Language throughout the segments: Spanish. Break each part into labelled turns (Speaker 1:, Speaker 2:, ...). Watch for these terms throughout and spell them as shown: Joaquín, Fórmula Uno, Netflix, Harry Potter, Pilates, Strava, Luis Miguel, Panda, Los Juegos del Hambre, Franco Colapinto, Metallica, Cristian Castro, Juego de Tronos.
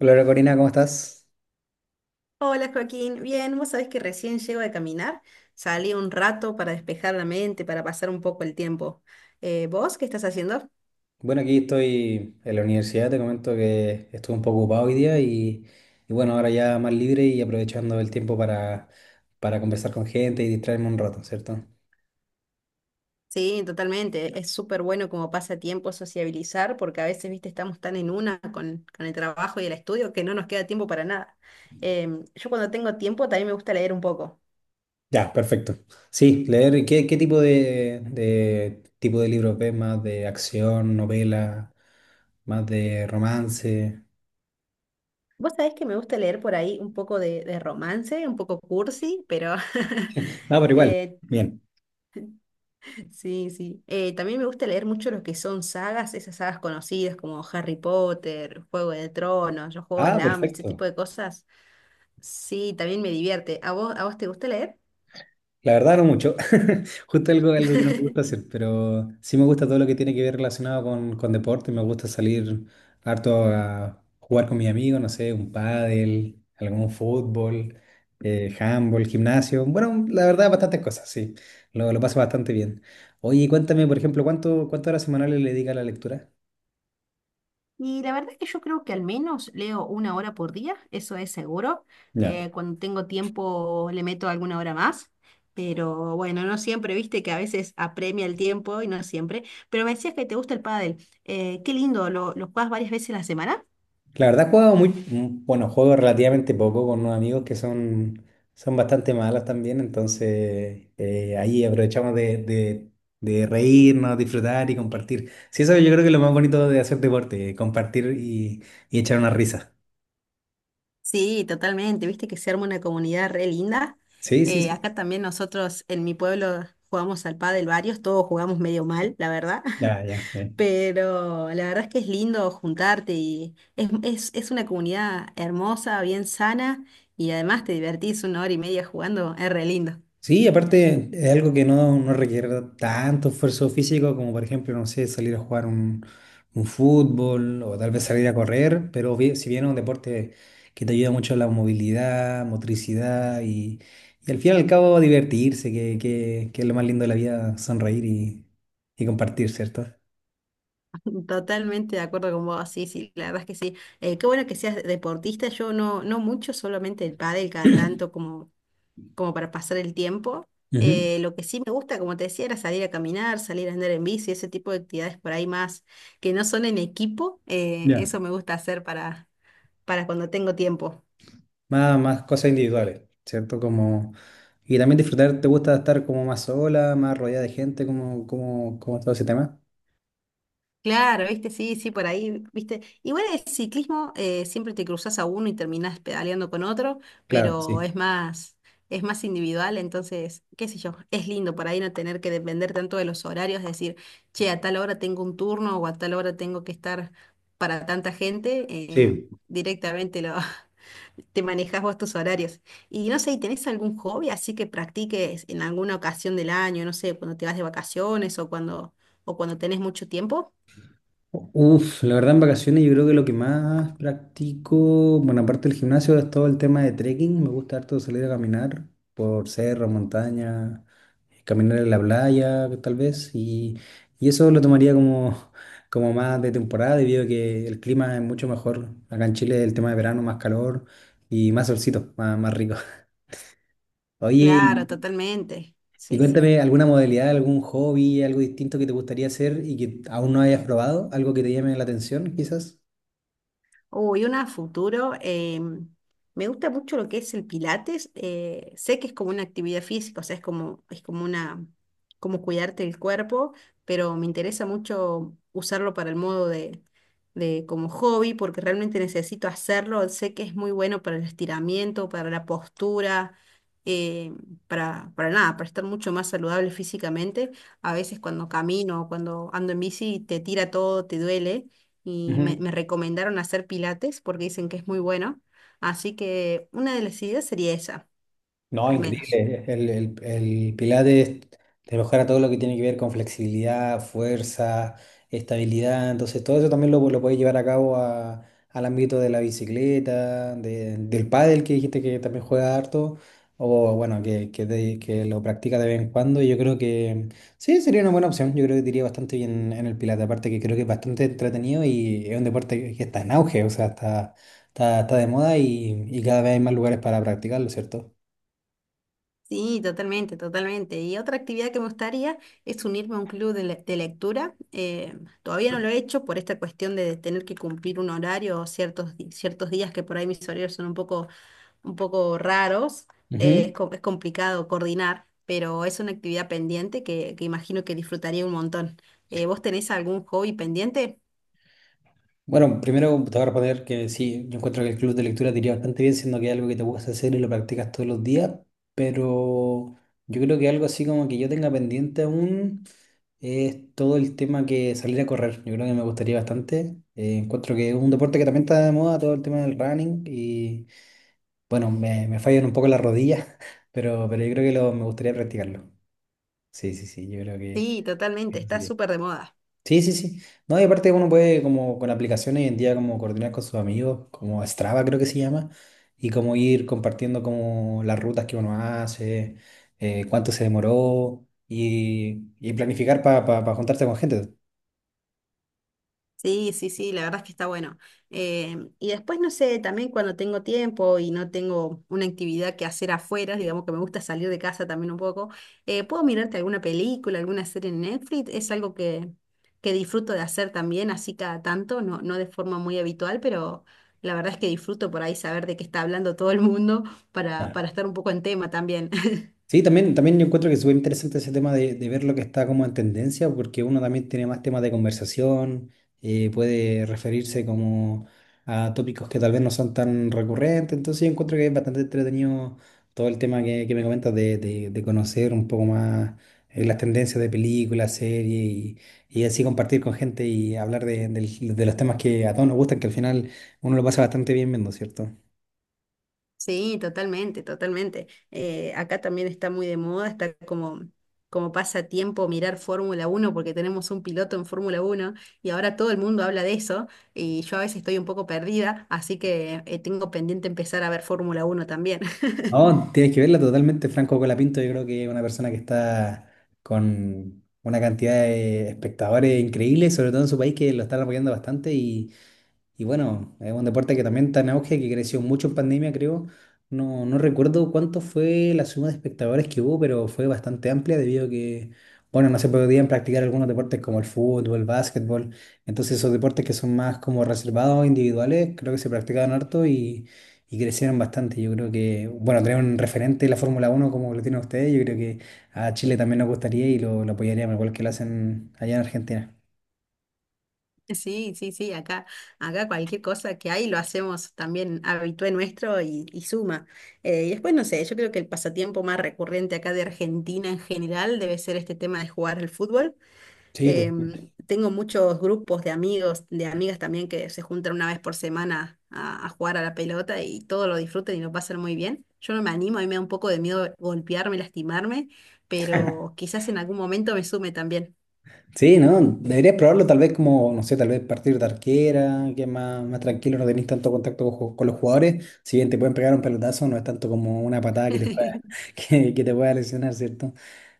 Speaker 1: Hola Corina, ¿cómo estás?
Speaker 2: Hola Joaquín, bien, vos sabés que recién llego de caminar, salí un rato para despejar la mente, para pasar un poco el tiempo. ¿Vos qué estás haciendo?
Speaker 1: Bueno, aquí estoy en la universidad, te comento que estuve un poco ocupado hoy día y bueno, ahora ya más libre y aprovechando el tiempo para conversar con gente y distraerme un rato, ¿cierto?
Speaker 2: Sí, totalmente, es súper bueno como pasatiempo sociabilizar porque a veces, viste, estamos tan en una con el trabajo y el estudio que no nos queda tiempo para nada. Yo cuando tengo tiempo también me gusta leer un poco.
Speaker 1: Ya, perfecto. Sí, leer, ¿qué tipo de libros ves? ¿Más de acción, novela, más de romance?
Speaker 2: Vos sabés que me gusta leer por ahí un poco de romance, un poco cursi, pero
Speaker 1: Ah, pero igual,
Speaker 2: eh,
Speaker 1: bien.
Speaker 2: Sí, sí. También me gusta leer mucho lo que son sagas, esas sagas conocidas como Harry Potter, Juego de Tronos, Los Juegos
Speaker 1: Ah,
Speaker 2: del Hambre, ese
Speaker 1: perfecto.
Speaker 2: tipo de cosas. Sí, también me divierte. ¿A vos te gusta leer?
Speaker 1: La verdad no mucho. Justo algo que no me gusta hacer, pero sí me gusta todo lo que tiene que ver relacionado con deporte. Me gusta salir harto a jugar con mis amigos, no sé, un pádel, algún fútbol, handball, gimnasio. Bueno, la verdad, bastantes cosas, sí. Lo paso bastante bien. Oye, cuéntame, por ejemplo, ¿cuántas horas semanales le dedica a la lectura?
Speaker 2: Y la verdad es que yo creo que al menos leo una hora por día, eso es seguro.
Speaker 1: Ya.
Speaker 2: Cuando tengo tiempo le meto alguna hora más, pero bueno, no siempre, viste que a veces apremia el tiempo y no siempre. Pero me decías que te gusta el pádel. Qué lindo, ¿lo jugás varias veces a la semana?
Speaker 1: La verdad, he jugado muy, mm, bueno, juego relativamente poco con unos amigos son bastante malos también, entonces ahí aprovechamos de reírnos, disfrutar y compartir. Sí, eso yo creo que es lo más bonito de hacer deporte, y echar una risa.
Speaker 2: Sí, totalmente. Viste que se arma una comunidad re linda.
Speaker 1: Sí, sí, sí.
Speaker 2: Acá también nosotros en mi pueblo jugamos al pádel varios, todos jugamos medio mal, la verdad.
Speaker 1: Ya, ya fue.
Speaker 2: Pero la verdad es que es lindo juntarte y es una comunidad hermosa, bien sana y además te divertís una hora y media jugando, es re lindo.
Speaker 1: Sí, aparte es algo que no requiere tanto esfuerzo físico como por ejemplo, no sé, salir a jugar un fútbol o tal vez salir a correr, pero si bien es un deporte que te ayuda mucho a la movilidad, y al fin y al cabo divertirse, que es lo más lindo de la vida, y compartir, ¿cierto?
Speaker 2: Totalmente de acuerdo con vos, sí, sí, la verdad es que sí. Qué bueno que seas deportista, yo no, no mucho, solamente el pádel cada tanto como para pasar el tiempo.
Speaker 1: Ujú.
Speaker 2: Lo que sí me gusta, como te decía, era salir a caminar, salir a andar en bici, ese tipo de actividades por ahí más que no son en equipo.
Speaker 1: Ya.
Speaker 2: Eso me gusta hacer para, cuando tengo tiempo.
Speaker 1: Más cosas individuales, ¿cierto? Como, y también disfrutar, ¿te gusta estar como más sola, más rodeada de gente, como todo ese tema?
Speaker 2: Claro, viste, sí, sí, por ahí, viste. Igual el ciclismo siempre te cruzas a uno y terminás pedaleando con otro,
Speaker 1: Claro,
Speaker 2: pero
Speaker 1: sí.
Speaker 2: es más individual, entonces, qué sé yo, es lindo por ahí no tener que depender tanto de los horarios, decir, che, a tal hora tengo un turno o a tal hora tengo que estar para tanta gente,
Speaker 1: Sí.
Speaker 2: directamente te manejas vos tus horarios. Y no sé, ¿tenés algún hobby así que practiques en alguna ocasión del año, no sé, cuando te vas de vacaciones o cuando tenés mucho tiempo?
Speaker 1: Uf, la verdad en vacaciones yo creo que lo que más practico, bueno, aparte del gimnasio, es todo el tema de trekking. Me gusta harto salir a caminar por cerro, montaña, caminar en la playa, tal vez. Y eso lo tomaría como, como más de temporada, debido a que el clima es mucho mejor. Acá en Chile el tema de verano, más calor y más solcito, más rico. Oye,
Speaker 2: Claro, totalmente.
Speaker 1: y
Speaker 2: Sí, sí.
Speaker 1: cuéntame alguna modalidad, algún hobby, algo distinto que te gustaría hacer y que aún no hayas probado, algo que te llame la atención, quizás.
Speaker 2: Uy, una a futuro. Me gusta mucho lo que es el Pilates. Sé que es como una actividad física, o sea, es como una, como cuidarte el cuerpo, pero me interesa mucho usarlo para el modo de como hobby, porque realmente necesito hacerlo. Sé que es muy bueno para el estiramiento, para la postura, eh, para nada, para estar mucho más saludable físicamente. A veces cuando camino o cuando ando en bici te tira todo, te duele y me,
Speaker 1: Ujú.
Speaker 2: me recomendaron hacer pilates porque dicen que es muy bueno. Así que una de las ideas sería esa,
Speaker 1: No,
Speaker 2: al menos.
Speaker 1: increíble. El Pilates te mejora todo lo que tiene que ver con flexibilidad, fuerza, estabilidad. Entonces, todo eso también lo puedes llevar a cabo al ámbito de la bicicleta, del pádel que dijiste que también juega harto, o bueno, que lo practica de vez en cuando. Y yo creo que sí, sería una buena opción. Yo creo que te iría bastante bien en el Pilates. Aparte que creo que es bastante entretenido y es un deporte que está en auge, o sea, está de moda y cada vez hay más lugares para practicarlo, ¿cierto?
Speaker 2: Sí, totalmente, totalmente. Y otra actividad que me gustaría es unirme a un club de lectura. Todavía no lo he hecho por esta cuestión de tener que cumplir un horario o ciertos días que por ahí mis horarios son un poco raros. Es,
Speaker 1: Ujú.
Speaker 2: co- es complicado coordinar, pero es una actividad pendiente que imagino que disfrutaría un montón. ¿Vos tenés algún hobby pendiente?
Speaker 1: Bueno, primero te voy a responder que sí, yo encuentro que el club de lectura te iría bastante bien, siendo que es algo que te gusta hacer y lo practicas todos los días, pero yo creo que algo así como que yo tenga pendiente aún es todo el tema que salir a correr. Yo creo que me gustaría bastante. Encuentro que es un deporte que también está de moda, todo el tema del running, y bueno, me fallan un poco las rodillas, pero yo creo que me gustaría practicarlo. Sí, sí, sí, yo creo
Speaker 2: Sí,
Speaker 1: que
Speaker 2: totalmente,
Speaker 1: eso
Speaker 2: está
Speaker 1: sería.
Speaker 2: súper de moda.
Speaker 1: Sí, sí, sí. No, y aparte uno puede como con aplicaciones hoy en día como coordinar con sus amigos, como Strava creo que se llama, y como ir compartiendo como las rutas que uno hace, cuánto se demoró y planificar para juntarse con gente.
Speaker 2: Sí, sí, sí, la verdad es que está bueno. Y después, no sé, también cuando tengo tiempo y no tengo una actividad que hacer afuera, digamos que me gusta salir de casa también un poco, puedo mirarte alguna película, alguna serie en Netflix, es algo que disfruto de hacer también, así cada tanto, no, no de forma muy habitual, pero la verdad es que disfruto por ahí saber de qué está hablando todo el mundo para, estar un poco en tema también.
Speaker 1: Sí, también, también yo encuentro que es súper interesante ese tema de ver lo que está como en tendencia, porque uno también tiene más temas de conversación, puede referirse como a tópicos que tal vez no son tan recurrentes, entonces yo encuentro que es bastante entretenido todo el tema que me comentas de conocer un poco más, las tendencias de películas, y así compartir con gente y hablar de los temas que a todos nos gustan, que al final uno lo pasa bastante bien viendo, ¿cierto?
Speaker 2: Sí, totalmente, totalmente. Acá también está muy de moda, está como pasatiempo mirar Fórmula Uno porque tenemos un piloto en Fórmula Uno y ahora todo el mundo habla de eso y yo a veces estoy un poco perdida, así que tengo pendiente empezar a ver Fórmula Uno también.
Speaker 1: No, tienes que verla totalmente. Franco Colapinto, yo creo que es una persona que está con una cantidad de espectadores increíbles, sobre todo en su país, que lo están apoyando bastante. Y bueno, es un deporte que también está en auge, que creció mucho en pandemia, creo. No, no recuerdo cuánto fue la suma de espectadores que hubo, pero fue bastante amplia debido a que, bueno, no se podían practicar algunos deportes como el fútbol, el básquetbol. Entonces esos deportes que son más como reservados, individuales, creo que se practicaban harto y crecieron bastante. Yo creo que, bueno, tener un referente de la Fórmula Uno como lo tienen ustedes, yo creo que a Chile también nos gustaría y lo apoyaríamos igual que lo hacen allá en Argentina.
Speaker 2: Sí, sí, sí, acá cualquier cosa que hay lo hacemos también habitué nuestro y suma. Y después, no sé, yo creo que el pasatiempo más recurrente acá de Argentina en general debe ser este tema de jugar al fútbol.
Speaker 1: Sí, totalmente.
Speaker 2: Em, Tengo muchos grupos de amigos, de amigas también que se juntan una vez por semana a jugar a la pelota y todo lo disfruten y lo pasan muy bien. Yo no me animo, a mí me da un poco de miedo golpearme, lastimarme, pero quizás en algún momento me sume también.
Speaker 1: Sí, ¿no? Deberías probarlo tal vez como, no sé, tal vez partir de arquera, que es más, más tranquilo, no tenés tanto contacto con, con los jugadores. Si bien te pueden pegar un pelotazo, no es tanto como una patada que te pueda, que te pueda lesionar, ¿cierto?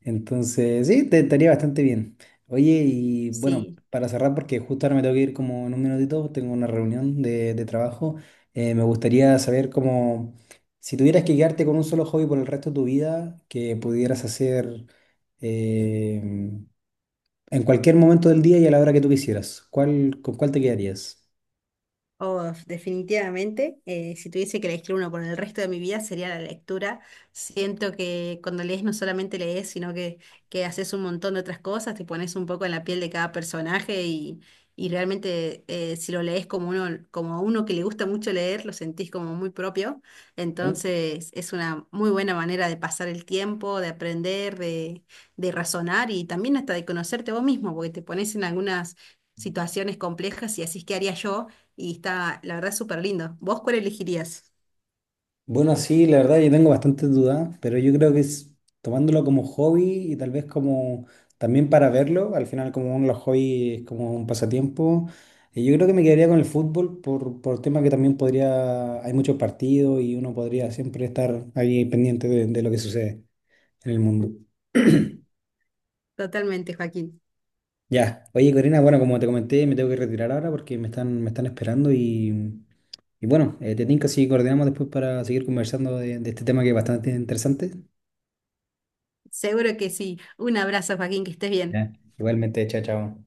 Speaker 1: Entonces, sí, te estaría bastante bien. Oye, y bueno,
Speaker 2: Sí.
Speaker 1: para cerrar, porque justo ahora me tengo que ir como en un minutito, tengo una reunión de trabajo, me gustaría saber cómo, si tuvieras que quedarte con un solo hobby por el resto de tu vida, que pudieras hacer... em, en cualquier momento del día y a la hora que tú quisieras, ¿con cuál te quedarías?
Speaker 2: Oh, definitivamente, si tuviese que elegir uno por el resto de mi vida sería la lectura. Siento que cuando lees no solamente lees, sino que haces un montón de otras cosas, te pones un poco en la piel de cada personaje y, realmente si lo lees como uno, como a uno que le gusta mucho leer, lo sentís como muy propio.
Speaker 1: ¿Eh?
Speaker 2: Entonces es una muy buena manera de pasar el tiempo, de aprender, de razonar y también hasta de conocerte vos mismo, porque te pones en algunas situaciones complejas y así es que haría yo y está, la verdad, súper lindo. ¿Vos cuál elegirías?
Speaker 1: Bueno, sí, la verdad yo tengo bastante dudas, pero yo creo que es tomándolo como hobby y tal vez como también para verlo, al final como uno de los hobbies es como un pasatiempo, y yo creo que me quedaría con el fútbol por tema que también podría, hay muchos partidos y uno podría siempre estar ahí pendiente de lo que sucede en el mundo.
Speaker 2: Totalmente, Joaquín.
Speaker 1: Ya, oye Corina, bueno, como te comenté, me tengo que retirar ahora porque me están esperando y... Y bueno, te tinca si coordinamos después para seguir conversando de este tema que es bastante interesante.
Speaker 2: Seguro que sí. Un abrazo, Joaquín, que estés bien.
Speaker 1: Ya. Igualmente, chao, chao.